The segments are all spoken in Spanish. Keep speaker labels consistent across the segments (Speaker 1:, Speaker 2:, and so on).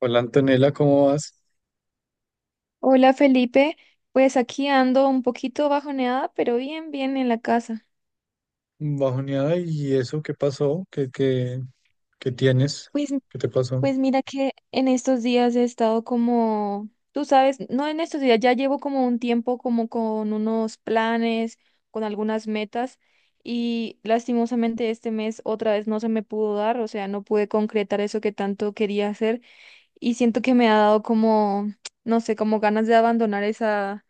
Speaker 1: Hola Antonella, ¿cómo vas?
Speaker 2: Hola Felipe, pues aquí ando un poquito bajoneada, pero bien, bien en la casa.
Speaker 1: Bajoneada, ¿y eso qué pasó? ¿Qué tienes?
Speaker 2: Pues,
Speaker 1: ¿Qué te pasó?
Speaker 2: pues mira que en estos días he estado como, tú sabes, no en estos días, ya llevo como un tiempo como con unos planes, con algunas metas y lastimosamente este mes otra vez no se me pudo dar, o sea, no pude concretar eso que tanto quería hacer. Y siento que me ha dado como, no sé, como ganas de abandonar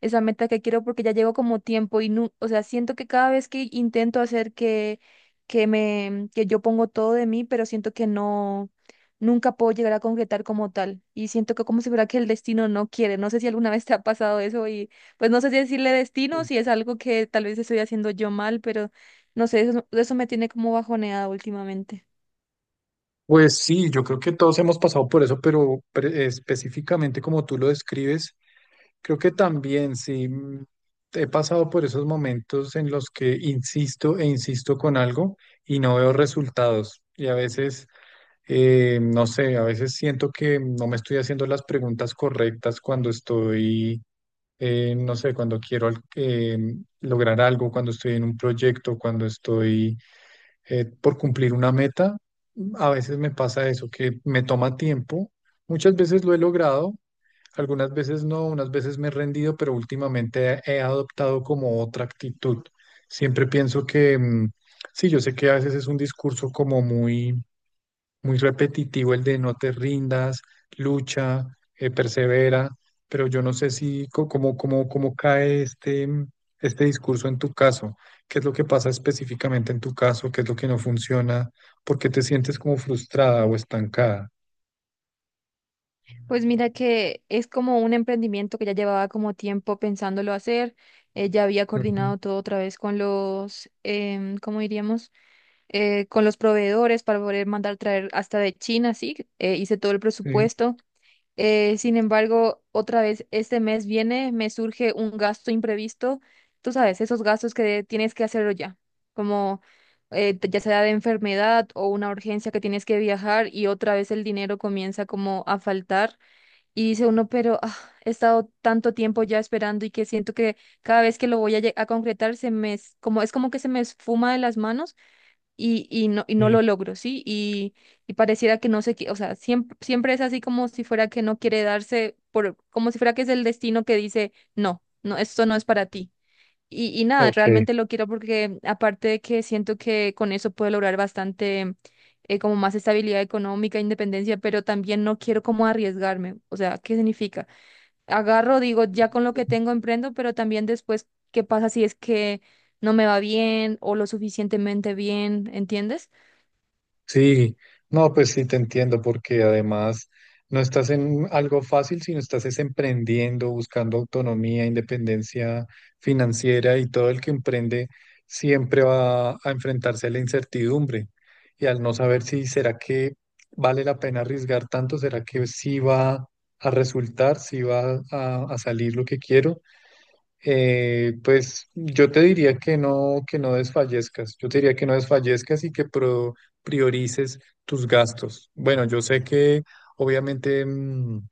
Speaker 2: esa meta que quiero porque ya llevo como tiempo y no, o sea, siento que cada vez que intento hacer que me, que yo pongo todo de mí, pero siento que no, nunca puedo llegar a concretar como tal y siento que como si fuera que el destino no quiere, no sé si alguna vez te ha pasado eso y pues no sé si decirle destino,
Speaker 1: Sí.
Speaker 2: si es algo que tal vez estoy haciendo yo mal, pero no sé, eso me tiene como bajoneada últimamente.
Speaker 1: Pues sí, yo creo que todos hemos pasado por eso, pero específicamente como tú lo describes, creo que también sí, he pasado por esos momentos en los que insisto e insisto con algo y no veo resultados. Y a veces, no sé, a veces siento que no me estoy haciendo las preguntas correctas cuando estoy, no sé, cuando quiero lograr algo, cuando estoy en un proyecto, cuando estoy, por cumplir una meta, a veces me pasa eso, que me toma tiempo. Muchas veces lo he logrado, algunas veces no, unas veces me he rendido, pero últimamente he adoptado como otra actitud. Siempre pienso que, sí, yo sé que a veces es un discurso como muy repetitivo, el de no te rindas, lucha, persevera, pero yo no sé si cómo cae este discurso en tu caso, qué es lo que pasa específicamente en tu caso, qué es lo que no funciona, por qué te sientes como frustrada o estancada.
Speaker 2: Pues mira que es como un emprendimiento que ya llevaba como tiempo pensándolo hacer. Ya había
Speaker 1: Ujú,
Speaker 2: coordinado todo otra vez con ¿cómo diríamos? Con los proveedores para poder mandar traer hasta de China, sí, hice todo el
Speaker 1: sí,
Speaker 2: presupuesto. Sin embargo, otra vez este mes viene, me surge un gasto imprevisto, tú sabes, esos gastos que tienes que hacerlo ya, como ya sea de enfermedad o una urgencia que tienes que viajar y otra vez el dinero comienza como a faltar. Y dice uno, pero ah, he estado tanto tiempo ya esperando y que siento que cada vez que lo voy a concretar se me es como que se me esfuma de las manos y no
Speaker 1: sí,
Speaker 2: lo logro, ¿sí? Y pareciera que no sé qué, o sea, siempre es así como si fuera que no quiere darse, por como si fuera que es el destino que dice: "No, no, esto no es para ti." Y nada,
Speaker 1: ok.
Speaker 2: realmente lo quiero porque aparte de que siento que con eso puedo lograr bastante, como más estabilidad económica, independencia, pero también no quiero como arriesgarme. O sea, ¿qué significa? Agarro, digo, ya con lo que tengo emprendo, pero también después, ¿qué pasa si es que no me va bien o lo suficientemente bien? ¿Entiendes?
Speaker 1: Sí, no, pues sí te entiendo, porque además no estás en algo fácil, sino estás es emprendiendo, buscando autonomía, independencia financiera, y todo el que emprende siempre va a enfrentarse a la incertidumbre y al no saber si será que vale la pena arriesgar tanto, será que sí va a resultar, si va a salir lo que quiero. Pues yo te diría que no desfallezcas, yo te diría que no desfallezcas y que priorices tus gastos. Bueno, yo sé que obviamente,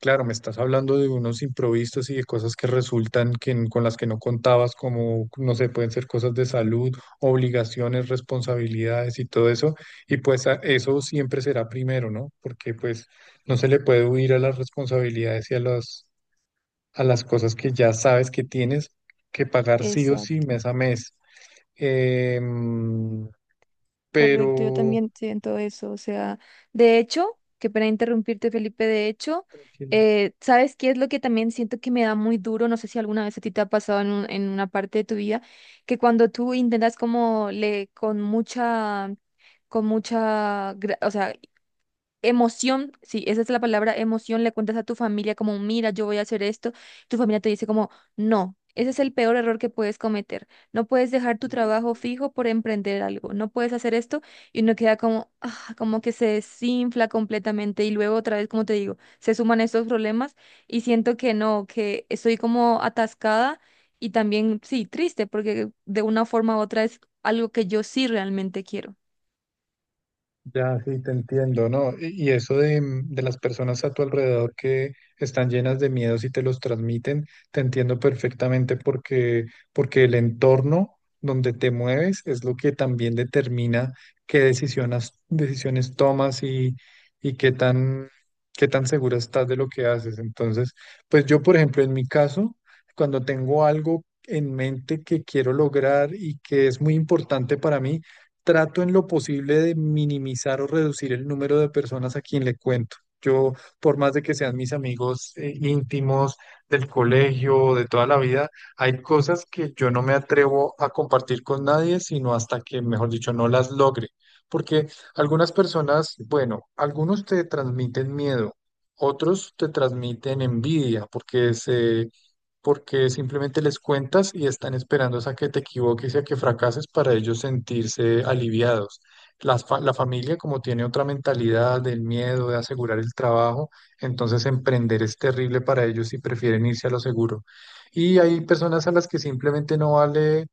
Speaker 1: claro, me estás hablando de unos improvisos y de cosas que resultan que, con las que no contabas, como, no sé, pueden ser cosas de salud, obligaciones, responsabilidades y todo eso, y pues eso siempre será primero, ¿no? Porque pues no se le puede huir a las responsabilidades y a las cosas que ya sabes que tienes que pagar sí o sí
Speaker 2: Exacto.
Speaker 1: mes a mes. Em,
Speaker 2: Correcto, yo
Speaker 1: pero...
Speaker 2: también siento eso. O sea, de hecho, que para interrumpirte, Felipe, de hecho, ¿sabes qué es lo que también siento que me da muy duro? No sé si alguna vez a ti te ha pasado en una parte de tu vida, que cuando tú intentas como le, o sea, emoción, sí, esa es la palabra, emoción. Le cuentas a tu familia como, mira, yo voy a hacer esto, tu familia te dice como, no, ese es el peor error que puedes cometer, no puedes dejar tu trabajo fijo por emprender algo, no puedes hacer esto y uno queda como, ah, como que se desinfla completamente y luego otra vez, como te digo, se suman estos problemas y siento que no, que estoy como atascada y también, sí, triste, porque de una forma u otra es algo que yo sí realmente quiero.
Speaker 1: Ya, sí, te entiendo, ¿no? Y eso de, de las personas a tu alrededor que están llenas de miedos y te los transmiten, te entiendo perfectamente porque, porque el entorno donde te mueves es lo que también determina qué decisiones tomas y, y qué tan, qué tan segura estás de lo que haces. Entonces, pues yo, por ejemplo, en mi caso, cuando tengo algo en mente que quiero lograr y que es muy importante para mí, trato en lo posible de minimizar o reducir el número de personas a quien le cuento. Yo, por más de que sean mis amigos, íntimos del colegio, de toda la vida, hay cosas que yo no me atrevo a compartir con nadie, sino hasta que, mejor dicho, no las logre. Porque algunas personas, bueno, algunos te transmiten miedo, otros te transmiten envidia, porque simplemente les cuentas y están esperando a que te equivoques y a que fracases para ellos sentirse aliviados. La familia, como tiene otra mentalidad del miedo de asegurar el trabajo, entonces emprender es terrible para ellos y prefieren irse a lo seguro. Y hay personas a las que simplemente no vale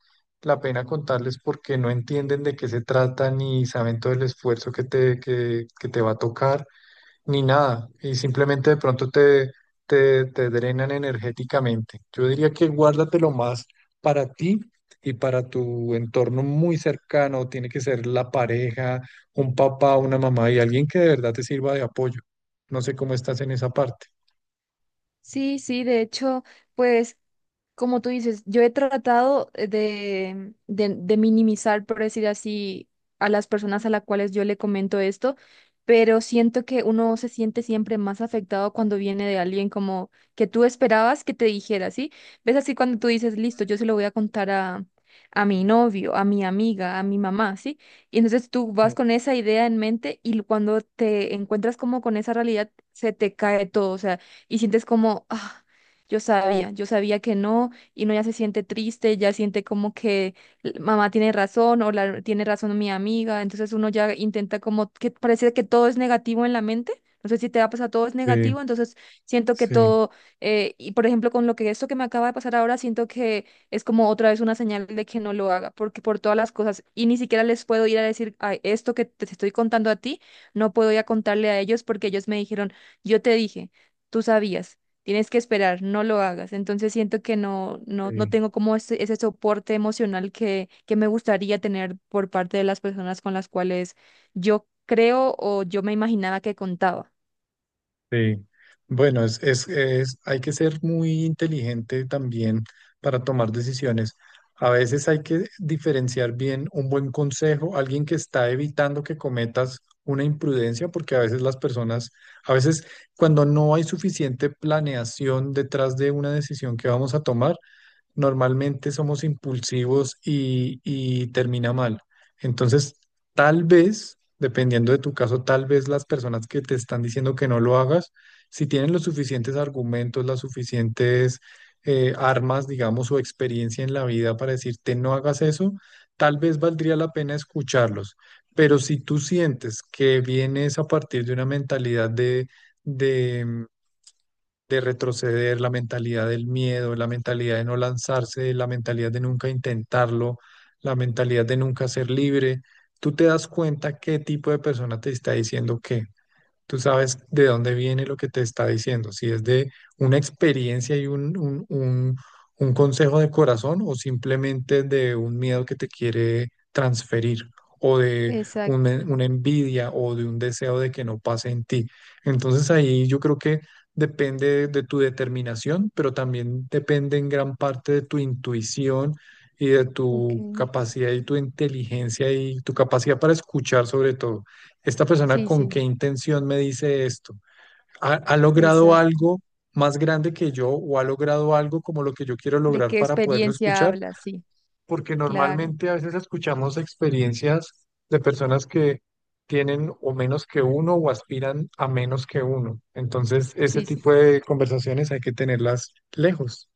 Speaker 1: la pena contarles porque no entienden de qué se trata ni saben todo el esfuerzo que que te va a tocar ni nada, y simplemente de pronto te drenan energéticamente. Yo diría que guárdatelo más para ti y para tu entorno muy cercano. Tiene que ser la pareja, un papá, una mamá y alguien que de verdad te sirva de apoyo. No sé cómo estás en esa parte.
Speaker 2: Sí, sí, de hecho, pues como tú dices, yo he tratado de minimizar, por decir así, a las personas a las cuales yo le comento esto, pero siento que uno se siente siempre más afectado cuando viene de alguien como que tú esperabas que te dijera, ¿sí? ¿Ves? Así cuando tú dices, listo, yo se lo voy a contar a mi novio, a mi amiga, a mi mamá, ¿sí? Y entonces tú vas
Speaker 1: Sí.
Speaker 2: con esa idea en mente y cuando te encuentras como con esa realidad, se te cae todo, o sea, y sientes como... "Ah, yo sabía que no", y no, ya se siente triste, ya siente como que l- mamá tiene razón o tiene razón mi amiga, entonces uno ya intenta como que parece que todo es negativo en la mente, no sé si te va a pasar, todo es
Speaker 1: Sí,
Speaker 2: negativo, entonces siento que
Speaker 1: sí.
Speaker 2: todo, y por ejemplo con lo que esto que me acaba de pasar ahora, siento que es como otra vez una señal de que no lo haga, porque por todas las cosas, y ni siquiera les puedo ir a decir: "Ay, esto que te estoy contando a ti, no puedo ir a contarle a ellos porque ellos me dijeron, yo te dije, tú sabías. Tienes que esperar, no lo hagas." Entonces siento que no
Speaker 1: Sí.
Speaker 2: tengo como ese soporte emocional que me gustaría tener por parte de las personas con las cuales yo creo o yo me imaginaba que contaba.
Speaker 1: Sí, bueno, hay que ser muy inteligente también para tomar decisiones. A veces hay que diferenciar bien un buen consejo, alguien que está evitando que cometas una imprudencia, porque a veces las personas, a veces cuando no hay suficiente planeación detrás de una decisión que vamos a tomar, normalmente somos impulsivos y termina mal. Entonces, tal vez, dependiendo de tu caso, tal vez las personas que te están diciendo que no lo hagas, si tienen los suficientes argumentos, las suficientes, armas, digamos, o experiencia en la vida para decirte no hagas eso, tal vez valdría la pena escucharlos. Pero si tú sientes que vienes a partir de una mentalidad de de retroceder, la mentalidad del miedo, la mentalidad de no lanzarse, la mentalidad de nunca intentarlo, la mentalidad de nunca ser libre. Tú te das cuenta qué tipo de persona te está diciendo qué, tú sabes de dónde viene lo que te está diciendo, si es de una experiencia y un, un consejo de corazón o simplemente de un miedo que te quiere transferir o de un,
Speaker 2: Exacto,
Speaker 1: una envidia o de un deseo de que no pase en ti. Entonces ahí yo creo que depende de tu determinación, pero también depende en gran parte de tu intuición y de
Speaker 2: ok.
Speaker 1: tu capacidad y tu inteligencia y tu capacidad para escuchar, sobre todo, esta persona
Speaker 2: Sí,
Speaker 1: con
Speaker 2: sí,
Speaker 1: qué intención me dice esto. ¿Ha logrado
Speaker 2: exacto.
Speaker 1: algo más grande que yo o ha logrado algo como lo que yo quiero
Speaker 2: ¿De
Speaker 1: lograr
Speaker 2: qué
Speaker 1: para poderlo
Speaker 2: experiencia
Speaker 1: escuchar?
Speaker 2: hablas? Sí,
Speaker 1: Porque
Speaker 2: claro.
Speaker 1: normalmente a veces escuchamos experiencias de personas que tienen o menos que uno o aspiran a menos que uno. Entonces, ese
Speaker 2: Sí, sí.
Speaker 1: tipo de conversaciones hay que tenerlas lejos.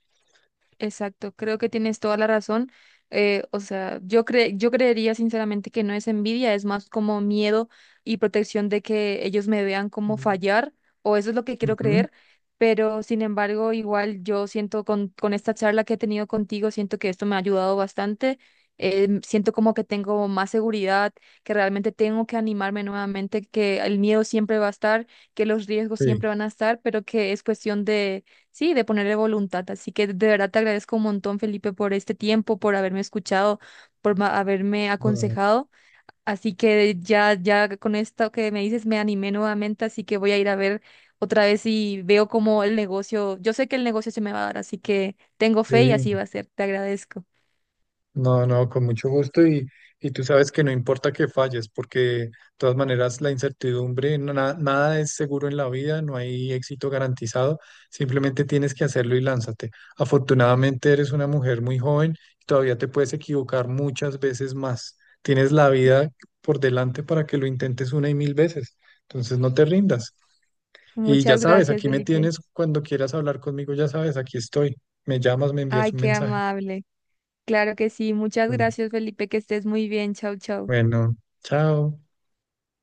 Speaker 2: Exacto, creo que tienes toda la razón. O sea, yo creería sinceramente que no es envidia, es más como miedo y protección de que ellos me vean como
Speaker 1: Mm.
Speaker 2: fallar, o eso es lo que quiero
Speaker 1: Ujú,
Speaker 2: creer. Pero sin embargo, igual yo siento con esta charla que he tenido contigo, siento que esto me ha ayudado bastante. Siento como que tengo más seguridad, que realmente tengo que animarme nuevamente, que el miedo siempre va a estar, que los riesgos
Speaker 1: sí,
Speaker 2: siempre van a estar, pero que es cuestión, sí, de ponerle voluntad. Así que de verdad te agradezco un montón, Felipe, por este tiempo, por haberme escuchado, por haberme
Speaker 1: no,
Speaker 2: aconsejado. Así que ya, ya con esto que me dices me animé nuevamente, así que voy a ir a ver otra vez y veo cómo el negocio, yo sé que el negocio se me va a dar, así que tengo fe y
Speaker 1: sí.
Speaker 2: así va a ser. Te agradezco.
Speaker 1: No, no, con mucho gusto, y tú sabes que no importa que falles, porque de todas maneras la incertidumbre, nada es seguro en la vida, no hay éxito garantizado, simplemente tienes que hacerlo y lánzate. Afortunadamente eres una mujer muy joven y todavía te puedes equivocar muchas veces más. Tienes la vida por delante para que lo intentes una y mil veces, entonces no te rindas. Y ya
Speaker 2: Muchas
Speaker 1: sabes,
Speaker 2: gracias,
Speaker 1: aquí me
Speaker 2: Felipe.
Speaker 1: tienes cuando quieras hablar conmigo, ya sabes, aquí estoy. Me llamas, me
Speaker 2: Ay,
Speaker 1: envías un
Speaker 2: qué
Speaker 1: mensaje.
Speaker 2: amable. Claro que sí. Muchas gracias, Felipe. Que estés muy bien. Chau, chau.
Speaker 1: Bueno, chao.